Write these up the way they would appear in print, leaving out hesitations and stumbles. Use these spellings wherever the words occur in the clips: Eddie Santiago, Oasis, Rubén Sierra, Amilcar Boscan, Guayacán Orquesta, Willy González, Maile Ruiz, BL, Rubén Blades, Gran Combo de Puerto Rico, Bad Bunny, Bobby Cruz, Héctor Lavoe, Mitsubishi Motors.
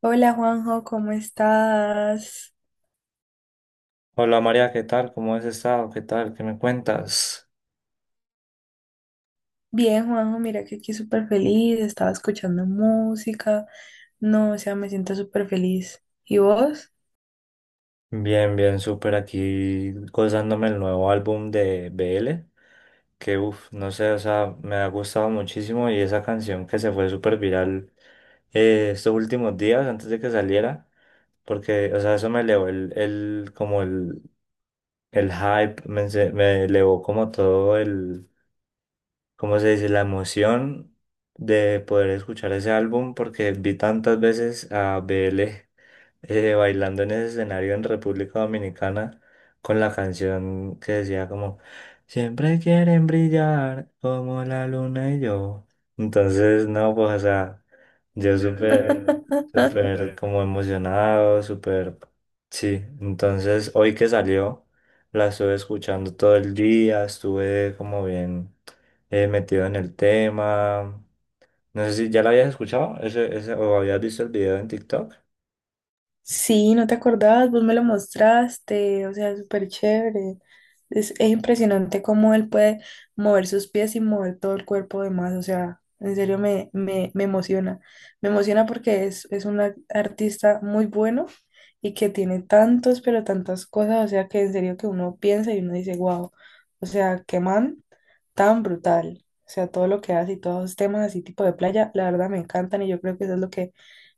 Hola Juanjo, ¿cómo estás? Hola María, ¿qué tal? ¿Cómo has estado? ¿Qué tal? ¿Qué me cuentas? Bien, Juanjo, mira que aquí súper feliz, estaba escuchando música. No, o sea, me siento súper feliz. ¿Y vos? Bien, bien, súper aquí gozándome el nuevo álbum de BL, que no sé, o sea, me ha gustado muchísimo y esa canción que se fue súper viral estos últimos días antes de que saliera, porque, o sea, eso me elevó el hype, me elevó como todo el, ¿cómo se dice? La emoción de poder escuchar ese álbum porque vi tantas veces a BL bailando en ese escenario en República Dominicana con la canción que decía como, siempre quieren brillar como la luna y yo. Entonces, no, pues, o sea, yo súper, súper como emocionado, súper, sí. Entonces, hoy que salió, la estuve escuchando todo el día, estuve como bien metido en el tema. No sé si ya la habías escuchado ese, o habías visto el video en TikTok. Sí, no te acordabas, vos me lo mostraste, o sea, es súper chévere. Es impresionante cómo él puede mover sus pies y mover todo el cuerpo además, o sea, en serio me emociona. Me emociona porque es un artista muy bueno y que tiene tantos, pero tantas cosas, o sea, que en serio que uno piensa y uno dice, wow, o sea, qué man tan brutal. O sea, todo lo que hace y todos los temas así tipo de playa, la verdad me encantan y yo creo que eso es lo que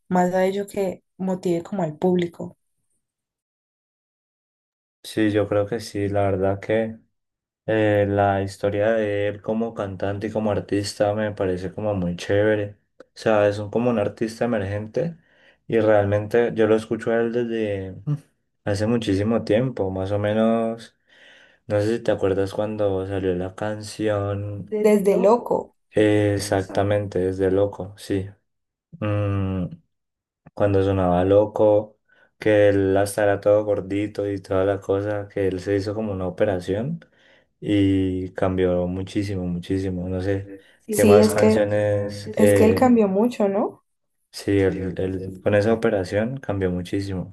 más a ello que motive como al público. Sí, yo creo que sí, la verdad que la historia de él como cantante y como artista me parece como muy chévere. O sea, como un artista emergente y realmente yo lo escucho a él desde hace muchísimo tiempo, más o menos, no sé si te acuerdas cuando salió la canción Desde Loco, exactamente, desde Loco, sí. Mm, cuando sonaba loco, que él hasta era todo gordito y toda la cosa, que él se hizo como una operación y cambió muchísimo, muchísimo. No sé qué sí, más canciones, es que él cambió mucho, ¿no? sí, él con esa operación cambió muchísimo,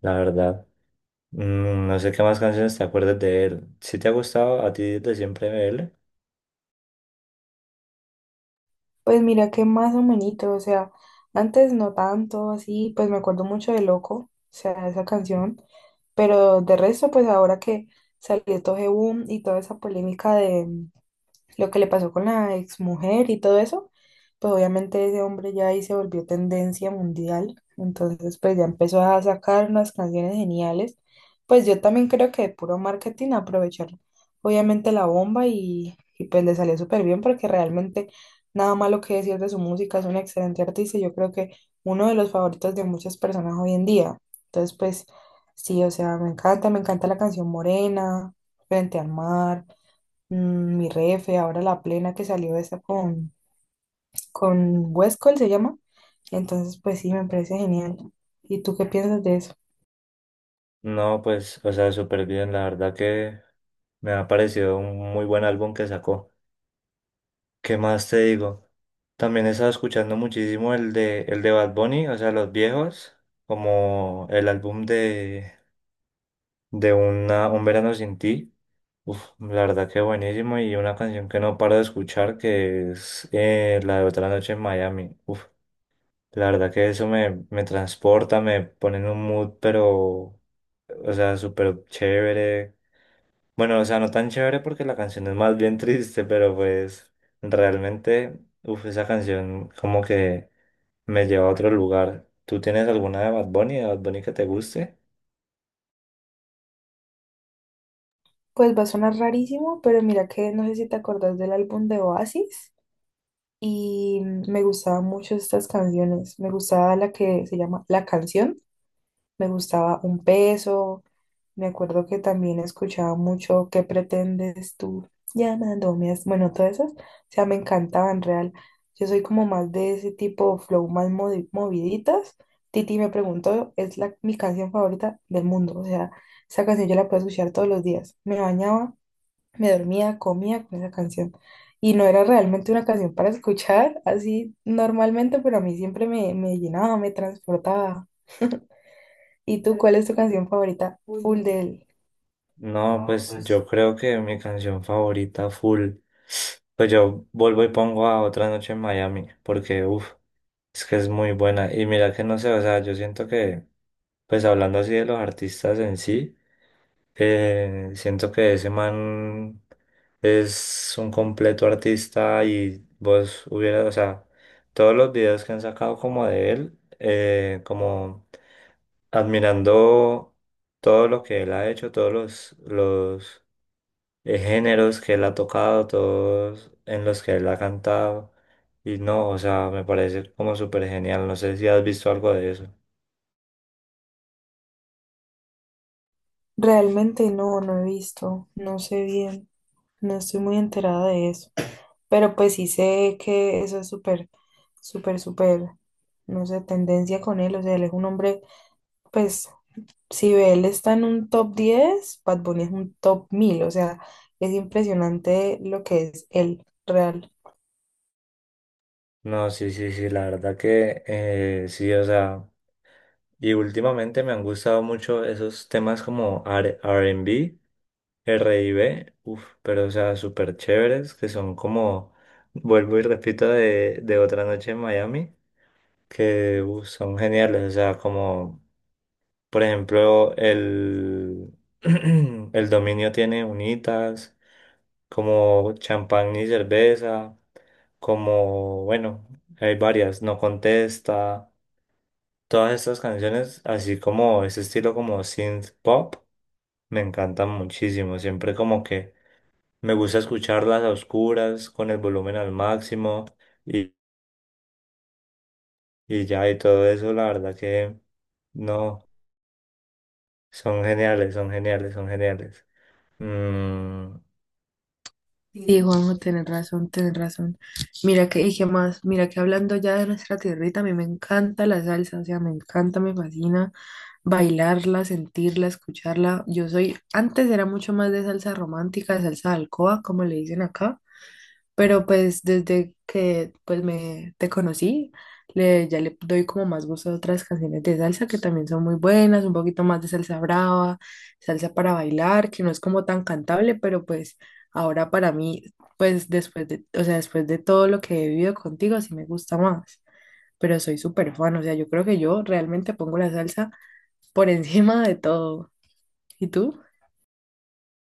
la verdad. No sé qué más canciones te acuerdas de él. Si te ha gustado a ti desde siempre de él. Pues mira que más o menos, o sea, antes no tanto, así, pues me acuerdo mucho de Loco, o sea, esa canción, pero de resto, pues ahora que salió todo ese boom y toda esa polémica de lo que le pasó con la exmujer y todo eso, pues obviamente ese hombre ya ahí se volvió tendencia mundial, entonces pues ya empezó a sacar unas canciones geniales, pues yo también creo que de puro marketing aprovechar obviamente la bomba y pues le salió súper bien porque realmente nada malo que decir de su música, es un excelente artista y yo creo que uno de los favoritos de muchas personas hoy en día, entonces pues sí, o sea, me encanta la canción Morena, Frente al Mar, mi refe, ahora la plena que salió esta con Westcol se llama. Entonces, pues sí, me parece genial. ¿Y tú qué piensas de eso? No, pues, o sea, súper bien, la verdad que me ha parecido un muy buen álbum que sacó. ¿Qué más te digo? También he estado escuchando muchísimo el de Bad Bunny, o sea, los viejos, como el álbum de Un Verano Sin Ti. Uf, la verdad que buenísimo y una canción que no paro de escuchar que es la de Otra Noche en Miami. Uf, la verdad que eso me transporta, me pone en un mood, pero, o sea, súper chévere. Bueno, o sea, no tan chévere porque la canción es más bien triste, pero pues realmente, uff, esa canción como que me lleva a otro lugar. ¿Tú tienes alguna de Bad Bunny que te guste? Pues va a sonar rarísimo, pero mira que no sé si te acordás del álbum de Oasis y me gustaban mucho estas canciones. Me gustaba la que se llama La Canción. Me gustaba Un Peso. Me acuerdo que también escuchaba mucho ¿Qué pretendes tú? Llamándome. As-". Bueno, todas esas, o sea, me encantaban real. Yo soy como más de ese tipo flow, más moviditas. Titi me preguntó, es mi canción favorita del mundo. O sea, esa canción yo la puedo escuchar todos los días. Me bañaba, me dormía, comía con esa canción. Y no era realmente una canción para escuchar así normalmente, pero a mí siempre me llenaba, me transportaba. ¿Y tú cuál es tu canción favorita? Full de él. No, pues yo creo que mi canción favorita full, pues yo vuelvo y pongo a Otra Noche en Miami, porque uff, es que es muy buena. Y mira que no sé, o sea, yo siento que, pues hablando así de los artistas en sí. Siento que ese man es un completo artista y vos hubieras, o sea, todos los videos que han sacado como de él, como admirando todo lo que él ha hecho, todos los géneros que él ha tocado, todos en los que él ha cantado. Y no, o sea, me parece como súper genial. No sé si has visto algo de eso. Realmente no, no he visto, no sé bien, no estoy muy enterada de eso. Pero pues sí sé que eso es súper, súper, súper, no sé, tendencia con él. O sea, él es un hombre, pues si ve él está en un top 10, Bad Bunny es un top 1000. O sea, es impresionante lo que es él, real. No, sí, sí, sí, la verdad que sí, o sea. Y últimamente me han gustado mucho esos temas como R&B, R&B, uff, pero o sea, súper chéveres, que son como, vuelvo y repito, de Otra Noche en Miami, que uf, son geniales, o sea, como, por ejemplo, el, el dominio tiene unitas, como champán y cerveza, como, bueno, hay varias, no contesta. Todas estas canciones, así como ese estilo como synth pop, me encantan muchísimo. Siempre como que me gusta escucharlas a oscuras, con el volumen al máximo y ya y todo eso, la verdad que no, son geniales, son geniales, son geniales. Mm, Sí, Juanjo, tenés razón, tenés razón. Mira que, y qué más, mira que hablando ya de nuestra tierrita, a mí me encanta la salsa, o sea, me encanta, me fascina bailarla, sentirla, escucharla. Yo soy, antes era mucho más de salsa romántica, de salsa de alcoba, como le dicen acá. Pero pues desde que pues me te conocí, le, ya le doy como más gusto a otras canciones de salsa que también son muy buenas, un poquito más de salsa brava, salsa para bailar, que no es como tan cantable, pero pues ahora para mí, pues después de, o sea, después de todo lo que he vivido contigo, sí me gusta más. Pero soy súper fan, o sea, yo creo que yo realmente pongo la salsa por encima de todo. ¿Y tú?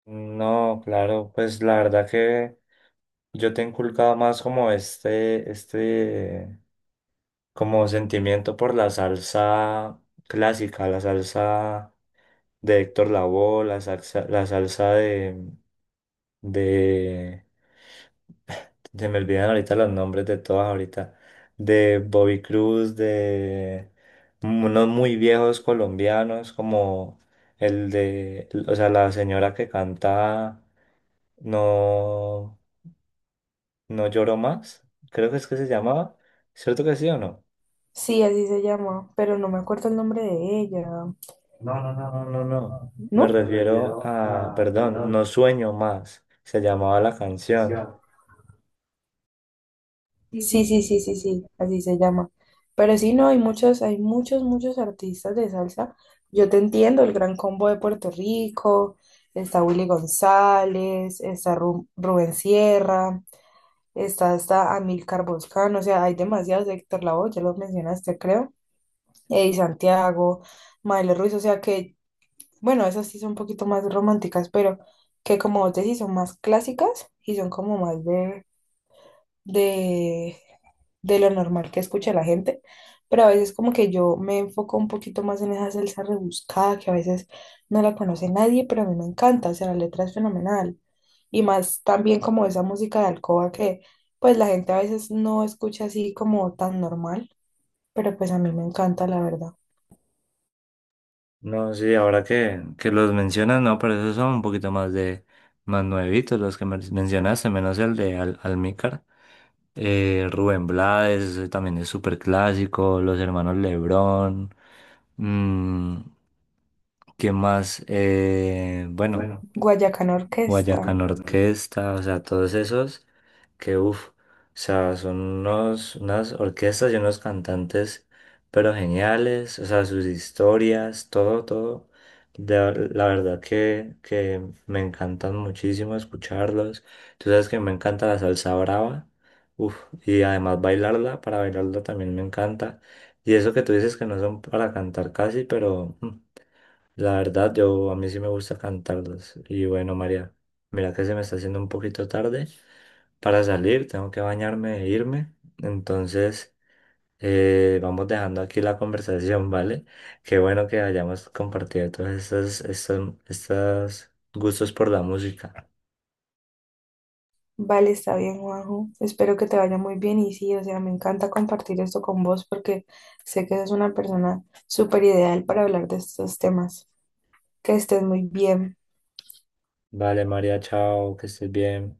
no, claro, pues la verdad que yo te he inculcado más como este, como sentimiento por la salsa clásica, la salsa de Héctor Lavoe, la salsa de, se me olvidan ahorita los nombres de todas ahorita, de Bobby Cruz, de unos muy viejos colombianos como el de, o sea, la señora que canta No, No lloro más, creo que es que se llamaba, ¿cierto que sí o no? Sí, así se llama, pero no me acuerdo el nombre de ella. No, no, no, me ¿No? refiero a, perdón, No sueño más, se llamaba la canción. Sí, sí, sí, sí, sí, así se llama. Pero sí, no, hay muchos, muchos artistas de salsa. Yo te entiendo, el Gran Combo de Puerto Rico, está Willy González, está Rubén Sierra, está hasta Amilcar Boscan, o sea, hay demasiados, Héctor Lavoe, ya los mencionaste, creo, Eddie Santiago, Maile Ruiz, o sea que, bueno, esas sí son un poquito más románticas, pero que como vos decís, son más clásicas y son como más de, de lo normal que escucha la gente, pero a veces como que yo me enfoco un poquito más en esa salsa rebuscada que a veces no la conoce nadie, pero a mí me encanta, o sea, la letra es fenomenal. Y más también como esa música de alcoba que pues la gente a veces no escucha así como tan normal, pero pues a mí me encanta, la verdad. No, sí, ahora que los mencionas, no, pero esos son un poquito más de más nuevitos los que mencionaste, menos el de Al Almícar. Rubén Blades, ese también es súper clásico, los hermanos Lebrón, mm, ¿qué más? Bueno, Guayacán Orquesta. Guayacán Orquesta, o sea, todos esos que uff, o sea, son unos, unas orquestas y unos cantantes, pero geniales, o sea, sus historias, todo, todo. La verdad que me encantan muchísimo escucharlos. Tú sabes que me encanta la salsa brava, uff, y además bailarla, para bailarla también me encanta. Y eso que tú dices que no son para cantar casi, pero... la verdad, yo a mí sí me gusta cantarlos. Y bueno, María, mira que se me está haciendo un poquito tarde para salir, tengo que bañarme e irme. Entonces, vamos dejando aquí la conversación, ¿vale? Qué bueno que hayamos compartido todos estos gustos por la música. Vale, está bien, Juanjo. Espero que te vaya muy bien y sí, o sea, me encanta compartir esto con vos porque sé que eres una persona súper ideal para hablar de estos temas. Que estés muy bien. Vale, María, chao, que estés bien.